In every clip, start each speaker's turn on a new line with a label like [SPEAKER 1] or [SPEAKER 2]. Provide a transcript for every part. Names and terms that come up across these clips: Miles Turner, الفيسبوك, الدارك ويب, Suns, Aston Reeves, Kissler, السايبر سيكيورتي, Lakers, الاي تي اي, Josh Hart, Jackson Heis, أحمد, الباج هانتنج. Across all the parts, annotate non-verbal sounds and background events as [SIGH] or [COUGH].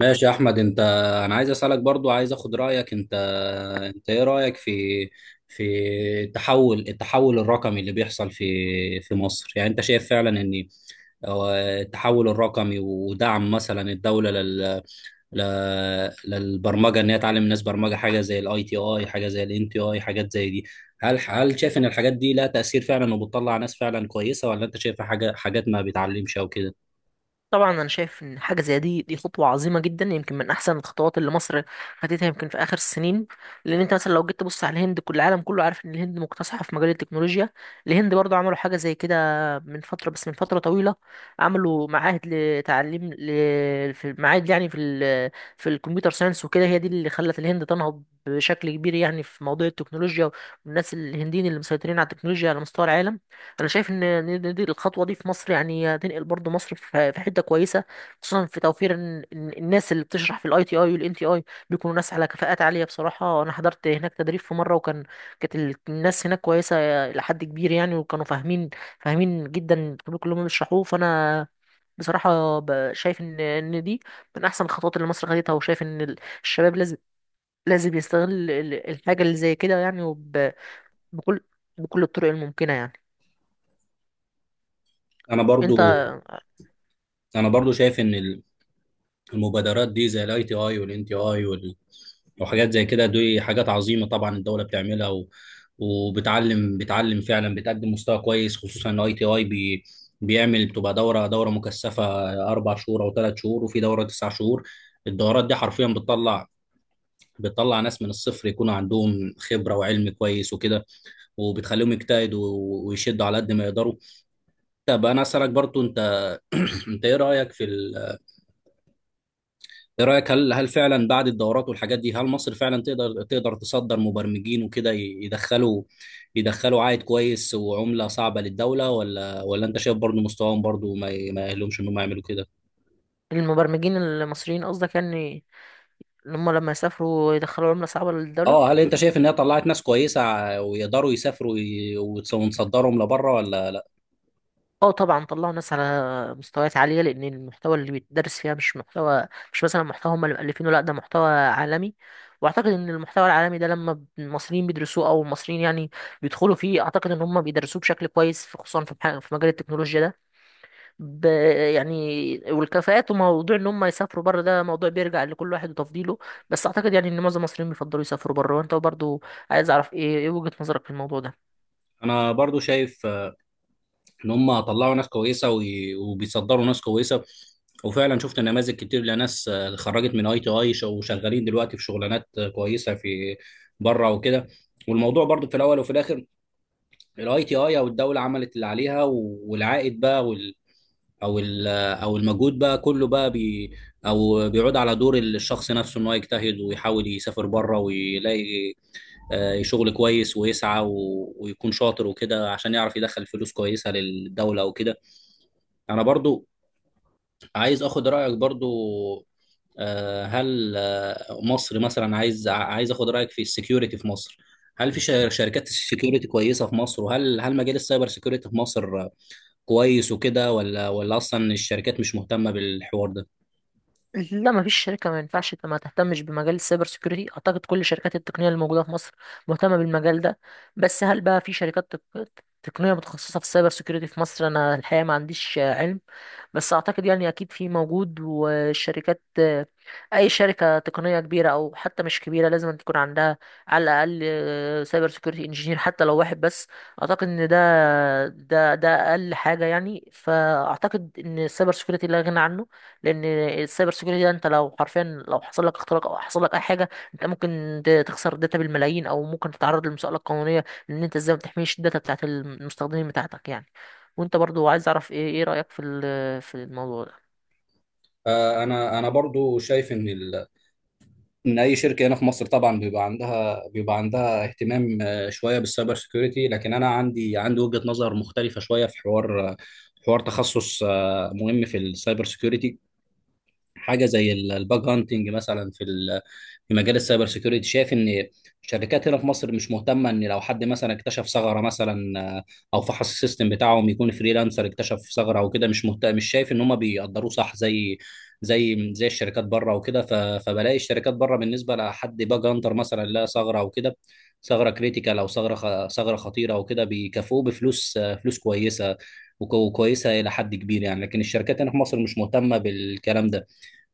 [SPEAKER 1] ماشي يا احمد. انت انا عايز اسالك برضو، عايز اخد رايك. انت انت ايه رايك في في التحول الرقمي اللي بيحصل في مصر؟ يعني انت شايف فعلا ان أو التحول الرقمي ودعم مثلا الدوله لل... للبرمجه، ان هي تعلم الناس برمجه، حاجه زي الاي تي اي، حاجه زي الان تي اي، حاجات زي دي، هل شايف ان الحاجات دي لها تاثير فعلا وبتطلع ناس فعلا كويسه، ولا انت شايفها حاجات ما بيتعلمش او كده؟
[SPEAKER 2] طبعا، انا شايف ان حاجه زي دي، دي خطوه عظيمه جدا، يمكن من احسن الخطوات اللي مصر خدتها يمكن في اخر السنين. لان انت مثلا لو جيت تبص على الهند، كل العالم كله عارف ان الهند مكتسحه في مجال التكنولوجيا. الهند برضو عملوا حاجه زي كده من فتره، بس من فتره طويله. عملوا معاهد لتعليم في معاهد، يعني في الكمبيوتر ساينس وكده. هي دي اللي خلت الهند تنهض بشكل كبير يعني في موضوع التكنولوجيا، والناس الهنديين اللي مسيطرين على التكنولوجيا على مستوى العالم. انا شايف ان دي الخطوه دي في مصر يعني هتنقل برضو مصر في في حته كويسه، خصوصا في توفير إن الناس اللي بتشرح في الاي تي اي والان تي اي بيكونوا ناس على كفاءات عاليه. بصراحه، انا حضرت هناك تدريب في مره، وكان كانت الناس هناك كويسه الى حد كبير يعني، وكانوا فاهمين، فاهمين جدا الطريق اللي هم بيشرحوه. فانا بصراحه شايف ان دي من احسن الخطوات اللي مصر خدتها، وشايف ان الشباب لازم يستغل الحاجه اللي زي كده يعني، وب- بكل بكل الطرق الممكنه يعني.
[SPEAKER 1] انا برضو
[SPEAKER 2] انت،
[SPEAKER 1] انا برضو شايف ان ال... المبادرات دي زي الاي تي اي والان تي اي وحاجات زي كده، دي حاجات عظيمه طبعا الدوله بتعملها و... بتعلم فعلا، بتقدم مستوى كويس. خصوصا ان اي تي اي بي... بيعمل، بتبقى دوره مكثفه، اربع شهور او ثلاث شهور، وفي دوره تسع شهور. الدورات دي حرفيا بتطلع، ناس من الصفر يكون عندهم خبره وعلم كويس وكده، وبتخليهم يجتهدوا ويشدوا على قد ما يقدروا. طب انا اسالك برضو، انت ايه رايك في ال... ايه رايك، هل فعلا بعد الدورات والحاجات دي هل مصر فعلا تقدر تصدر مبرمجين وكده، يدخلوا عائد كويس وعمله صعبه للدوله، ولا انت شايف برضو مستواهم برضو ما يأهلهمش انهم يعملوا كده؟
[SPEAKER 2] المبرمجين المصريين قصدك يعني، اللي هم لما يسافروا يدخلوا عملة صعبة للدولة؟
[SPEAKER 1] اه، هل انت شايف ان هي طلعت ناس كويسه ويقدروا يسافروا ونصدرهم لبره، ولا لا؟
[SPEAKER 2] اه، طبعا طلعوا ناس على مستويات عالية، لأن المحتوى اللي بيتدرس فيها مش محتوى، مش مثلا محتوى هم اللي مألفينه، لأ، ده محتوى عالمي. وأعتقد إن المحتوى العالمي ده لما المصريين بيدرسوه أو المصريين يعني بيدخلوا فيه، أعتقد إن هم بيدرسوه بشكل كويس خصوصا في في مجال التكنولوجيا ده. ب... يعني والكفاءات وموضوع ان هم يسافروا بره، ده موضوع بيرجع لكل واحد وتفضيله. بس اعتقد يعني ان معظم المصريين بيفضلوا يسافروا بره. وانت برضو، عايز اعرف ايه وجهة نظرك في الموضوع ده.
[SPEAKER 1] انا برضو شايف ان هم طلعوا ناس كويسه وبيصدروا ناس كويسه، وفعلا شفت نماذج كتير لناس آه، خرجت من اي تي اي وشغالين دلوقتي في شغلانات آه، كويسه في بره وكده. والموضوع برضو في الاول وفي الاخر، الاي تي اي او الدوله عملت اللي عليها، والعائد بقى وال او ال او المجهود بقى كله بقى بي او بيعود على دور الشخص نفسه، ان هو يجتهد ويحاول يسافر بره ويلاقي آه، شغل كويس، ويسعى ويكون شاطر وكده عشان يعرف يدخل فلوس كويسه للدوله وكده. انا برضو عايز اخد رايك برضو آه، هل آه، مصر مثلا، عايز اخد رايك في السكيورتي في مصر. هل في شركات سكيورتي كويسه في مصر؟ وهل مجال السايبر سكيورتي في مصر آه، كويس وكده، ولا اصلا الشركات مش مهتمه بالحوار ده؟
[SPEAKER 2] لا، مفيش شركة، ما ينفعش ما تهتمش بمجال السايبر سيكيورتي. اعتقد كل شركات التقنية اللي موجودة في مصر مهتمة بالمجال ده. بس هل بقى في شركات تقنية متخصصة في السايبر سيكيورتي في مصر؟ انا الحقيقة ما عنديش علم، بس اعتقد يعني اكيد في موجود. والشركات، اي شركه تقنيه كبيره او حتى مش كبيره، لازم أن تكون عندها على الاقل سايبر سيكيورتي انجينير، حتى لو واحد بس. اعتقد ان ده، اقل حاجه يعني. فاعتقد ان السايبر سيكيورتي لا غنى عنه، لان السايبر سيكيورتي ده، انت لو حرفيا لو حصل لك اختراق او حصل لك اي حاجه، انت ممكن تخسر داتا بالملايين، او ممكن تتعرض لمساءله قانونيه، لان انت ازاي ما بتحميش الداتا بتاعت المستخدمين بتاعتك يعني. وانت برضو، عايز اعرف ايه رايك في في الموضوع ده؟
[SPEAKER 1] آه، انا برضو شايف ان ال- ان اي شركه هنا في مصر طبعا بيبقى عندها اهتمام آه، شويه بالسايبر سيكيورتي، لكن انا عندي وجهه نظر مختلفه شويه في حوار آه، حوار تخصص آه، مهم في السايبر سيكيورتي. حاجه زي الباج هانتنج مثلا في في مجال السايبر سيكيورتي، شايف ان الشركات هنا في مصر مش مهتمه، ان لو حد مثلا اكتشف ثغره مثلا آه، او فحص السيستم بتاعهم، يكون فريلانسر اكتشف ثغره او كده، مش مهتم، مش شايف ان هم بيقدروه صح زي زي الشركات بره وكده. فبلاقي الشركات بره بالنسبه لحد باج هانتر مثلا، لا ثغره او كده، ثغره كريتيكال او ثغره ثغره خطيره او كده، بيكافئوه بفلوس آه، فلوس كويسه وكويسه الى حد كبير يعني. لكن الشركات هنا في مصر مش مهتمه بالكلام ده،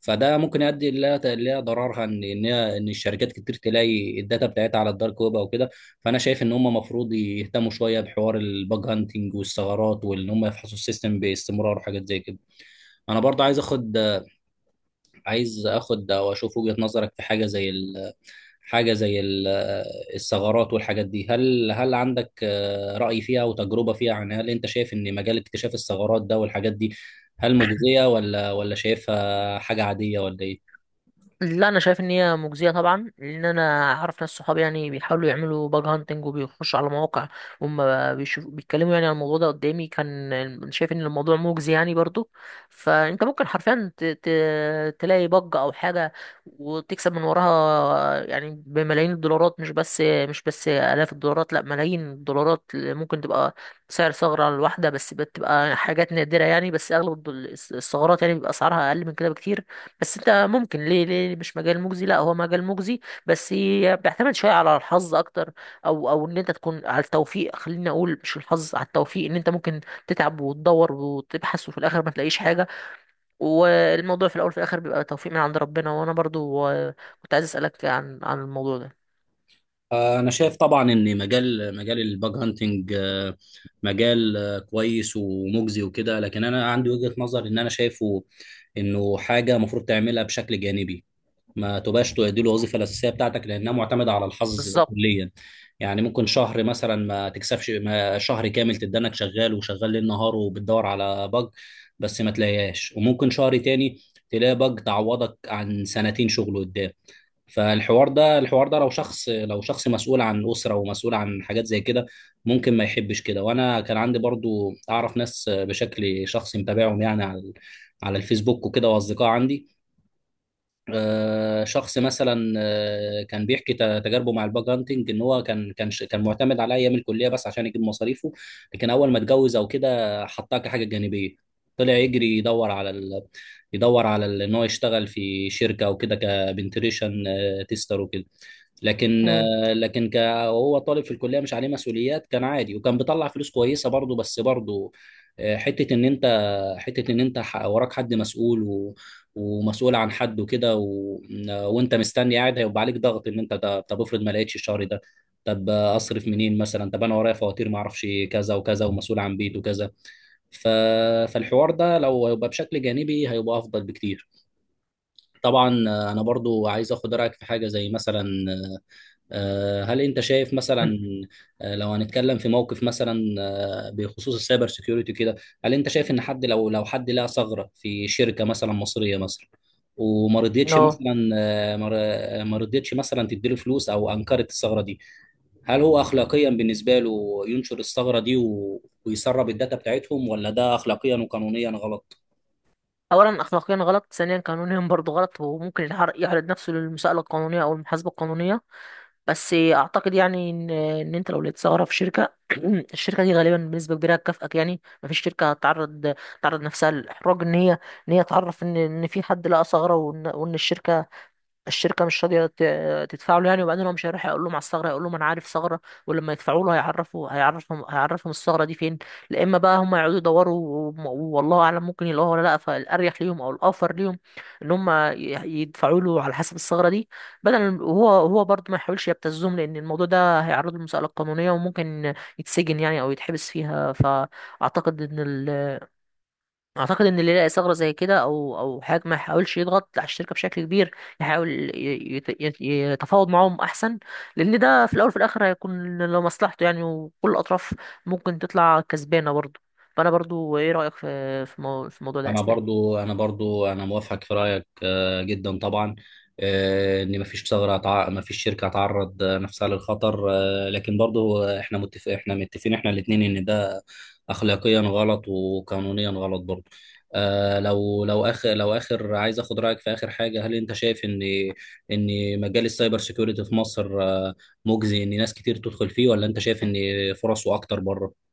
[SPEAKER 1] فده ممكن يؤدي لها ضررها، ان ان الشركات كتير تلاقي الداتا بتاعتها على الدارك ويب او كده. فانا شايف ان هم المفروض يهتموا شويه بحوار الباج هانتنج والثغرات، وان هم يفحصوا السيستم باستمرار وحاجات زي كده. انا برضه عايز اخد، او اشوف وجهه نظرك في حاجه زي ال... حاجه زي ال... الثغرات والحاجات دي. هل عندك آه، راي فيها وتجربه فيها؟ يعني هل انت شايف ان مجال اكتشاف الثغرات ده والحاجات دي هل مجزيه، ولا شايفها حاجه عاديه، ولا ايه؟
[SPEAKER 2] لا، انا شايف ان هي مجزيه طبعا، لان انا اعرف ناس صحابي يعني بيحاولوا يعملوا باج هانتنج وبيخشوا على مواقع، وهم بيشوفوا، بيتكلموا يعني عن الموضوع ده قدامي، كان شايف ان الموضوع مجزي يعني برضو. فانت ممكن حرفيا تلاقي باج او حاجه وتكسب من وراها يعني بملايين الدولارات، مش بس، الاف الدولارات، لا، ملايين الدولارات ممكن تبقى سعر ثغره على الواحده، بس بتبقى حاجات نادره يعني. بس اغلب الثغرات يعني بيبقى اسعارها اقل من كده بكتير. بس انت ممكن، ليه مش مجال مجزي؟ لا، هو مجال مجزي، بس بيعتمد شويه على الحظ اكتر، او ان انت تكون على التوفيق. خليني اقول، مش الحظ، على التوفيق، ان انت ممكن تتعب وتدور وتبحث وفي الاخر ما تلاقيش حاجه، والموضوع في الاول وفي الاخر بيبقى توفيق من عند ربنا. وانا برضو كنت عايز اسالك عن الموضوع ده.
[SPEAKER 1] آه، أنا شايف طبعا إن مجال الباج هانتنج آه، مجال آه، كويس ومجزي وكده، لكن أنا عندي وجهة نظر إن أنا شايفه إنه حاجة المفروض تعملها بشكل جانبي، ما تبقاش دي الوظيفة الأساسية بتاعتك لأنها معتمدة على الحظ
[SPEAKER 2] بالظبط.
[SPEAKER 1] كليا. يعني ممكن شهر مثلا ما تكسبش، ما شهر كامل تدانك شغال وشغال ليل نهار وبتدور على باج بس ما تلاقيهاش، وممكن شهر تاني تلاقي باج تعوضك عن سنتين شغل قدام. فالحوار ده الحوار ده لو شخص مسؤول عن أسرة ومسؤول عن حاجات زي كده، ممكن ما يحبش كده. وانا كان عندي برضو اعرف ناس بشكل شخصي متابعهم يعني على الفيسبوك وكده، واصدقاء عندي آه، شخص مثلا آه، كان بيحكي تجاربه مع الباج هانتنج، ان هو كان كان معتمد على ايام الكليه بس عشان يجيب مصاريفه، لكن اول ما اتجوز او كده حطها كحاجه جانبيه، طلع يجري يدور على ال... يدور على ان هو يشتغل في شركه او كده، كبنتريشن تيستر وكده. لكن
[SPEAKER 2] مم.
[SPEAKER 1] آه، لكن وهو طالب في الكليه مش عليه مسؤوليات، كان عادي وكان بيطلع فلوس كويسه برضه. بس برضه آه، حته ان انت، وراك حد مسؤول ومسؤول عن حد وكده و... وانت مستني قاعد، هيبقى عليك ضغط، ان انت ده طب افرض ما لقيتش الشهر ده؟ طب آه، اصرف منين مثلا؟ طب انا ورايا فواتير ما اعرفش كذا وكذا، ومسؤول عن بيت وكذا. ف... فالحوار ده لو هيبقى بشكل جانبي هيبقى افضل بكتير. طبعا آه، انا برضو عايز اخد رايك في حاجه زي مثلا آه، هل انت شايف مثلا
[SPEAKER 2] [CLEARS THROAT]
[SPEAKER 1] آه، لو هنتكلم في موقف مثلا آه، بخصوص السايبر سيكيورتي كده، هل انت شايف ان حد لو حد لقى ثغرة في شركة مثلا مصرية مثلا، وما رضيتش
[SPEAKER 2] اه،
[SPEAKER 1] مثلا آه، ما رضيتش مثلا تديله فلوس او انكرت الثغرة دي، هل هو اخلاقيا بالنسبة له ينشر الثغرة دي ويسرب الداتا بتاعتهم، ولا ده اخلاقيا وقانونيا غلط؟
[SPEAKER 2] اولا اخلاقيا غلط، ثانيا قانونيا برضو غلط، وممكن يعرض نفسه للمساءله القانونيه او المحاسبه القانونيه. بس اعتقد يعني ان انت لو لقيت ثغره في شركه [CLEARS THROAT] الشركه دي غالبا بنسبه كبيره هتكافئك. يعني مفيش شركه تعرض نفسها للاحراج، ان هي تعرف ان في حد لقى ثغره، وان الشركه مش راضيه تدفع له يعني. وبعدين هو مش هيروح يقول لهم على الثغره، هيقول لهم، انا عارف ثغره، ولما يدفعوا له هيعرفوا، هيعرفهم الثغره دي فين. لا، اما بقى هم يقعدوا يدوروا، و- والله اعلم ممكن يلاقوها ولا لا، فالاريح ليهم او الاوفر ليهم ان هم يدفعوا له على حسب الثغره دي، بدل. وهو، هو برضه ما يحاولش يبتزهم، لان الموضوع ده هيعرضه للمساله القانونيه وممكن يتسجن يعني او يتحبس فيها. اعتقد ان اللي يلاقي ثغره زي كده او حاجه، ما يحاولش يضغط على الشركه بشكل كبير، يحاول يتفاوض معاهم احسن، لان ده في الاول وفي الاخر هيكون لمصلحته يعني، وكل الاطراف ممكن تطلع كسبانه برضه. فانا برضه، ايه رايك في الموضوع ده يا
[SPEAKER 1] انا
[SPEAKER 2] اسلام؟
[SPEAKER 1] برضو انا برضو انا موافقك في رايك آه، جدا طبعا. آه، ان مفيش مفيش شركه هتعرض آه، نفسها للخطر آه، لكن برضو آه، احنا متف... احنا متفقين احنا الاثنين ان ده اخلاقيا غلط وقانونيا غلط برضو. آه، لو لو اخر عايز اخد رايك في اخر حاجه. هل انت شايف ان ان مجال السايبر سيكيورتي في مصر آه، مجزي، ان ناس كتير تدخل فيه، ولا انت شايف ان فرصه اكتر بره؟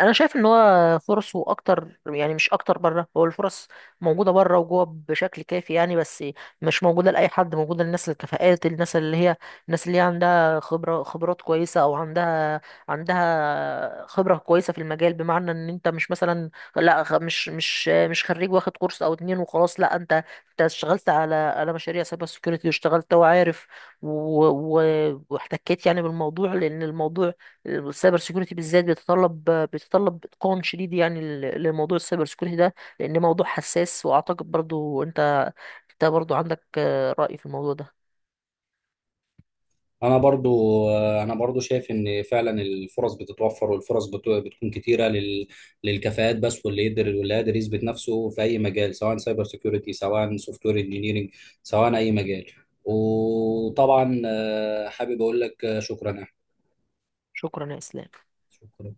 [SPEAKER 2] انا شايف ان هو فرصه اكتر يعني، مش اكتر بره، هو الفرص موجوده بره وجوه بشكل كافي يعني، بس مش موجوده لاي حد، موجوده للناس الكفاءات، الناس اللي هي عندها خبره، خبرات كويسه، او عندها خبره كويسه في المجال. بمعنى ان انت مش مثلا، لا، مش خريج واخد كورس او اتنين وخلاص، لا، انت انت اشتغلت على مشاريع سايبر سيكيورتي واشتغلت وعارف و- واحتكيت يعني بالموضوع، لان الموضوع السايبر سيكوريتي بالذات بيتطلب اتقان شديد يعني لموضوع السايبر سيكوريتي ده، لان موضوع حساس. واعتقد برضو انت برضو عندك رأي في الموضوع ده.
[SPEAKER 1] انا برضو انا برضو شايف ان فعلا الفرص بتتوفر، والفرص بتكون كتيره لل... للكفاءات بس، واللي يقدر واللي قادر يثبت نفسه في اي مجال، سواء سايبر سيكيورتي، سواء سوفت وير انجينيرنج، سواء اي مجال. وطبعا آه، حابب اقول لك آه، شكرا يا أحمد.
[SPEAKER 2] شكرا يا اسلام.
[SPEAKER 1] شكرا.